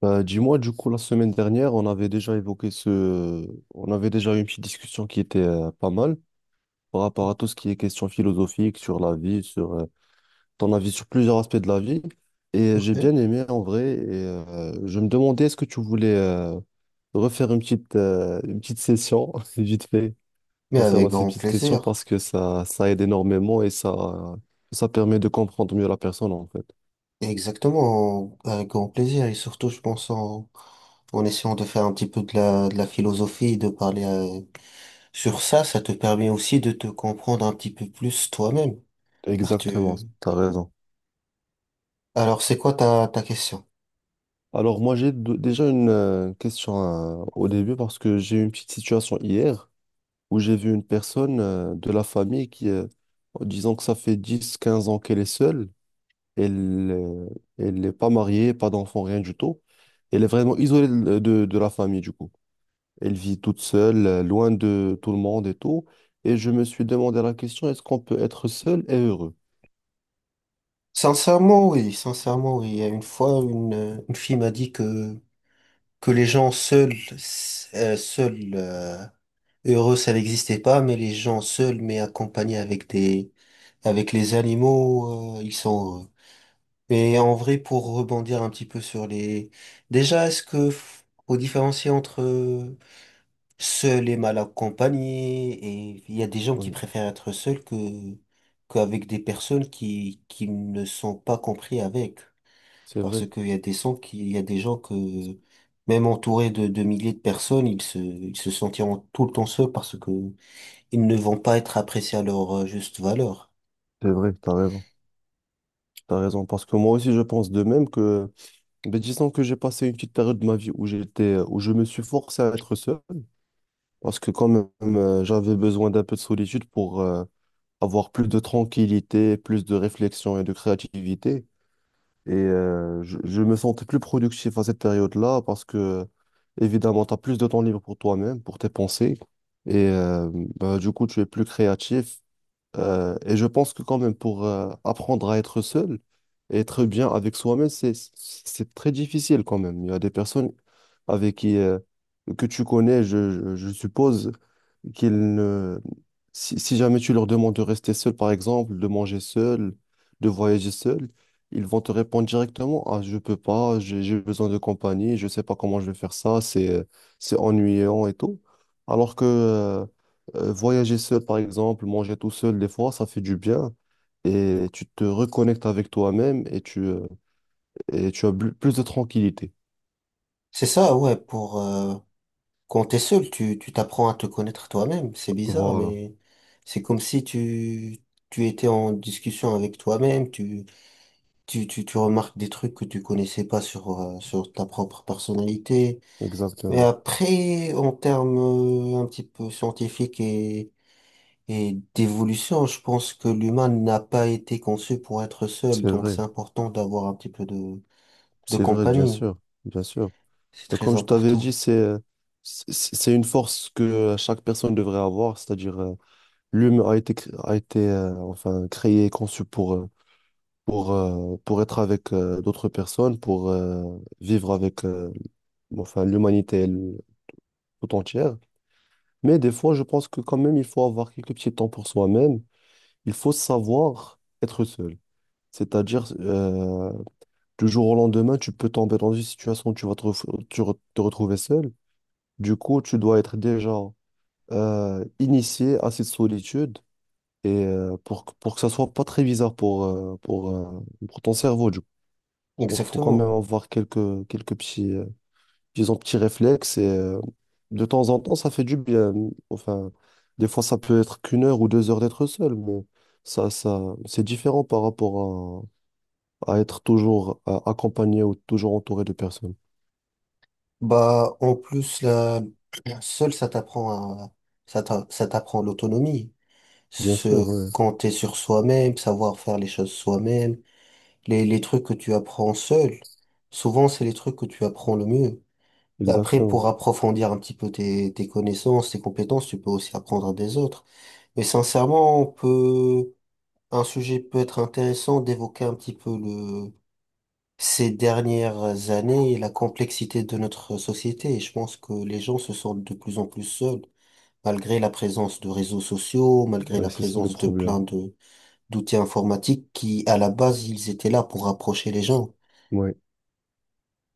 Bah, dis-moi, du coup, la semaine dernière, on avait déjà évoqué ce... On avait déjà eu une petite discussion qui était pas mal par rapport à tout ce qui est question philosophique sur la vie, sur ton avis sur plusieurs aspects de la vie. Et Ok. j'ai bien aimé en vrai. Et je me demandais, est-ce que tu voulais refaire une petite session, vite fait, Mais avec concernant ces grand petites questions, plaisir. parce que ça aide énormément et ça permet de comprendre mieux la personne, en fait. Exactement, avec grand plaisir. Et surtout, je pense en essayant de faire un petit peu de la philosophie, de parler sur ça, ça te permet aussi de te comprendre un petit peu plus toi-même. Car Exactement, tu... t'as raison. Alors, c'est quoi ta question? Alors moi j'ai déjà une question au début parce que j'ai eu une petite situation hier où j'ai vu une personne de la famille qui, disons que ça fait dix quinze ans qu'elle est seule, elle elle n'est pas mariée, pas d'enfant, rien du tout. Elle est vraiment isolée de la famille du coup. Elle vit toute seule, loin de tout le monde et tout. Et je me suis demandé la question, est-ce qu'on peut être seul et heureux? Sincèrement, oui, sincèrement, oui. Il y a une fois, une fille m'a dit que les gens seuls, seuls heureux, ça n'existait pas, mais les gens seuls, mais accompagnés avec avec les animaux, ils sont heureux. Et en vrai, pour rebondir un petit peu sur les, déjà, est-ce que faut différencier entre seul et mal accompagné? Et il y a des gens qui Oui, préfèrent être seuls que qu'avec des personnes qui ne sont pas compris avec, c'est vrai. parce qu'il y a des gens qui, il y a des gens que même entourés de milliers de personnes, ils se sentiront tout le temps seuls parce que ils ne vont pas être appréciés à leur juste valeur. C'est vrai, t'as raison. T'as raison, parce que moi aussi je pense de même que ben, disons que j'ai passé une petite période de ma vie où j'étais, où je me suis forcé à être seul parce que quand même j'avais besoin d'un peu de solitude pour avoir plus de tranquillité, plus de réflexion et de créativité. Et je me sentais plus productif à cette période-là parce que évidemment tu as plus de temps libre pour toi-même, pour tes pensées. Et ben, du coup tu es plus créatif et je pense que quand même pour apprendre à être seul et être bien avec soi-même, c'est très difficile quand même. Il y a des personnes avec qui que tu connais, je suppose qu'ils ne si, si jamais tu leur demandes de rester seul, par exemple, de manger seul, de voyager seul, ils vont te répondre directement, ah, je peux pas, j'ai besoin de compagnie, je sais pas comment je vais faire ça, c'est ennuyant et tout. Alors que voyager seul, par exemple, manger tout seul, des fois, ça fait du bien. Et tu te reconnectes avec toi-même et tu as plus de tranquillité. C'est ça, ouais, pour quand t'es seul, tu t'apprends à te connaître toi-même. C'est bizarre, Voilà, mais c'est comme si tu étais en discussion avec toi-même, tu remarques des trucs que tu connaissais pas sur sur ta propre personnalité. Mais exactement. après, en termes un petit peu scientifiques et d'évolution, je pense que l'humain n'a pas été conçu pour être seul, C'est donc vrai, c'est important d'avoir un petit peu de c'est vrai, bien compagnie. sûr, bien sûr. C'est très Comme je t'avais dit, important. c'est c'est une force que chaque personne devrait avoir, c'est-à-dire l'humain a été, a été enfin, créé et conçu pour, pour être avec d'autres personnes, pour vivre avec enfin, l'humanité elle, tout entière. Mais des fois, je pense que quand même, il faut avoir quelques petits temps pour soi-même. Il faut savoir être seul. C'est-à-dire, du jour au lendemain, tu peux tomber dans une situation où tu vas te, te retrouver seul. Du coup, tu dois être déjà initié à cette solitude et pour, pour que ça soit pas très bizarre pour ton cerveau. Du coup. Donc, il faut quand même Exactement. avoir quelques petits, ils ont petit réflexe et de temps en temps, ça fait du bien. Enfin, des fois, ça peut être qu'une heure ou deux heures d'être seul, mais c'est différent par rapport à être toujours accompagné ou toujours entouré de personnes. Bah, en plus, la, seul, ça t'apprend à, ça t'apprend l'autonomie. Bien sûr, Se ouais, compter sur soi-même, savoir faire les choses soi-même. Les trucs que tu apprends seul, souvent, c'est les trucs que tu apprends le mieux. Et après, exactement. pour approfondir un petit peu tes, tes connaissances, tes compétences, tu peux aussi apprendre des autres. Mais sincèrement, on peut, un sujet peut être intéressant d'évoquer un petit peu le, ces dernières années, et la complexité de notre société, et je pense que les gens se sentent de plus en plus seuls, malgré la présence de réseaux sociaux, malgré Ouais, la c'est ça le présence de plein problème. de d'outils informatiques qui, à la base, ils étaient là pour rapprocher les gens. Ouais.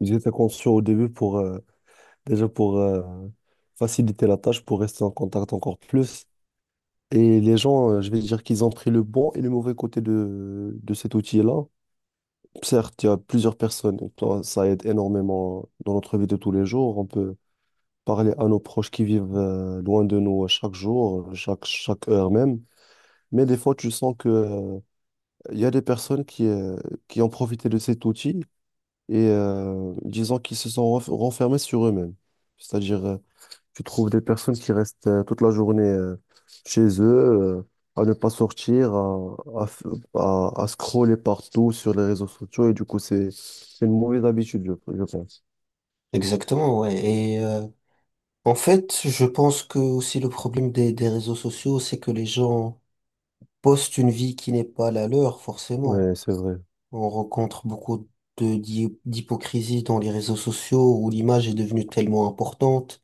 Ils étaient conscients au début pour, déjà pour faciliter la tâche, pour rester en contact encore plus. Et les gens, je vais dire qu'ils ont pris le bon et le mauvais côté de cet outil-là. Certes, il y a plusieurs personnes, toi, ça aide énormément dans notre vie de tous les jours. On peut parler à nos proches qui vivent loin de nous chaque jour, chaque heure même. Mais des fois, tu sens que, il y a des personnes qui ont profité de cet outil et disons qu'ils se sont renfermés sur eux-mêmes. C'est-à-dire, tu trouves des personnes qui restent toute la journée chez eux, euh, à ne pas sortir, à scroller partout sur les réseaux sociaux. Et du coup, c'est une mauvaise habitude, je pense. Exactement, ouais. Et en fait, je pense que aussi le problème des réseaux sociaux, c'est que les gens postent une vie qui n'est pas la leur, forcément. Ouais, c'est vrai. On rencontre beaucoup de d'hypocrisie dans les réseaux sociaux où l'image est devenue tellement importante.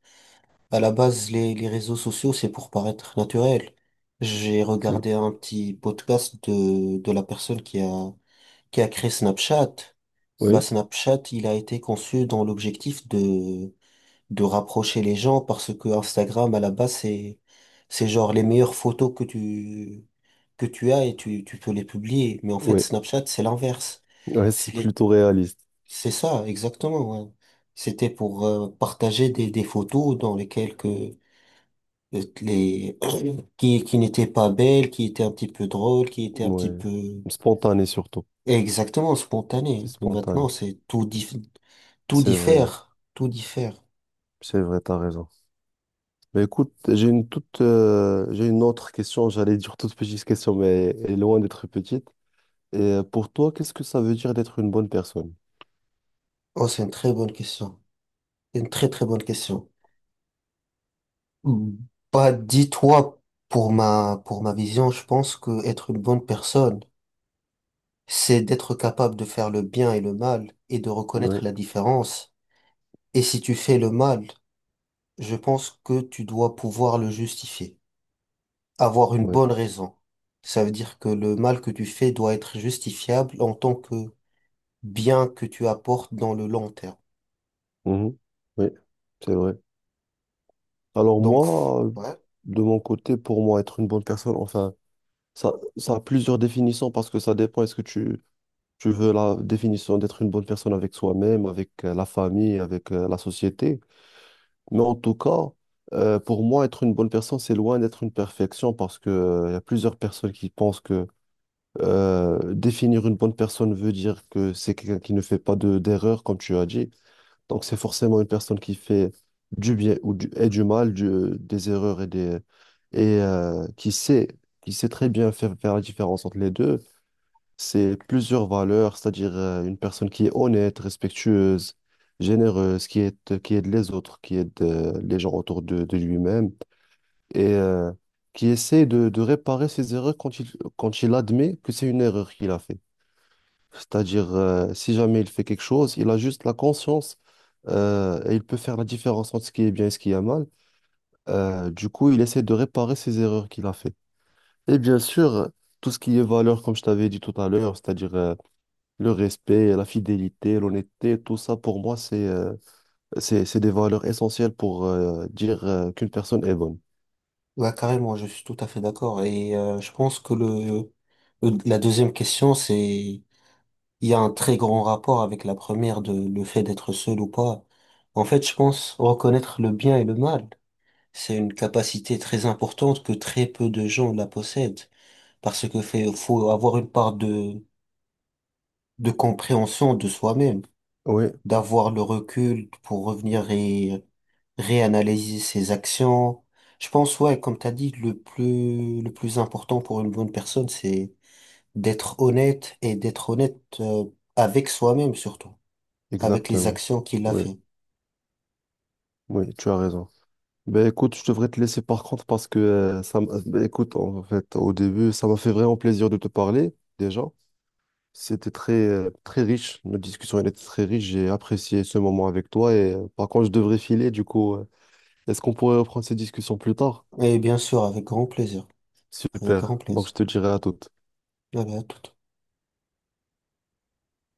À la base, les réseaux sociaux, c'est pour paraître naturel. J'ai Tu- regardé un petit podcast de la personne qui a créé Snapchat. Bah, Oui, Snapchat, il a été conçu dans l'objectif de rapprocher les gens parce que Instagram, à la base, c'est genre les meilleures photos que tu as et tu peux les publier. Mais en fait, oui. Snapchat, c'est l'inverse. Ouais, c'est C'est les- plutôt réaliste. c'est ça, exactement, ouais. C'était pour partager des photos dans lesquelles que les qui n'étaient pas belles, qui étaient un petit peu drôles, qui étaient un petit Ouais. peu Spontané surtout. exactement C'est spontanées. Mais maintenant, spontané. c'est tout C'est vrai. diffère, tout diffère. C'est vrai, t'as raison. Mais écoute, j'ai une toute, j'ai une autre question. J'allais dire toute petite question, mais elle est loin d'être petite. Et pour toi, qu'est-ce que ça veut dire d'être une bonne personne? Oh, c'est une très bonne question. Une très très bonne question. Mm. Bah, dis-toi, pour ma vision, je pense que être une bonne personne, c'est d'être capable de faire le bien et le mal et de Oui, reconnaître la différence. Et si tu fais le mal, je pense que tu dois pouvoir le justifier. Avoir une oui, bonne raison. Ça veut dire que le mal que tu fais doit être justifiable en tant que bien que tu apportes dans le long terme. mhm, oui, c'est vrai. Alors Donc, moi, ouais, de mon côté, pour moi, être une bonne personne, enfin, ça a plusieurs définitions parce que ça dépend. Est-ce que tu veux la définition d'être une bonne personne avec soi-même, avec la famille, avec la société? Mais en tout cas, pour moi, être une bonne personne, c'est loin d'être une perfection parce que, il y a plusieurs personnes qui pensent que définir une bonne personne veut dire que c'est quelqu'un qui ne fait pas de, d'erreur, comme tu as dit. Donc, c'est forcément une personne qui fait du bien ou du, et du mal, des erreurs et des, et qui sait très bien faire la différence entre les deux. C'est plusieurs valeurs, c'est-à-dire une personne qui est honnête, respectueuse, généreuse, qui aide les autres, qui aide les gens autour de lui-même et qui essaie de réparer ses erreurs quand il admet que c'est une erreur qu'il a fait. C'est-à-dire, si jamais il fait quelque chose, il a juste la conscience et il peut faire la différence entre ce qui est bien et ce qui est mal. Du coup, il essaie de réparer ses erreurs qu'il a fait. Et bien sûr, tout ce qui est valeur, comme je t'avais dit tout à l'heure, c'est-à-dire le respect, la fidélité, l'honnêteté, tout ça, pour moi, c'est des valeurs essentielles pour dire qu'une personne est bonne. ouais, carrément, je suis tout à fait d'accord. Et je pense que le, la deuxième question, c'est, il y a un très grand rapport avec la première de le fait d'être seul ou pas. En fait, je pense reconnaître le bien et le mal, c'est une capacité très importante que très peu de gens la possèdent. Parce que fait, faut avoir une part de compréhension de soi-même, Oui, d'avoir le recul pour revenir et réanalyser ses actions. Je pense, ouais, comme t'as dit, le plus important pour une bonne personne, c'est d'être honnête et d'être honnête avec soi-même surtout, avec les exactement. actions qu'il a Oui, fait. oui, tu as raison. Ben écoute, je devrais te laisser par contre parce que ben, écoute, en fait, au début, ça m'a fait vraiment plaisir de te parler déjà. C'était très, très riche, notre discussion elle était très riche, j'ai apprécié ce moment avec toi et par contre, je devrais filer du coup. Est-ce qu'on pourrait reprendre cette discussion plus tard? Et bien sûr, avec grand plaisir, avec grand Super, donc plaisir. je te dirai à toute. Allez, à tout.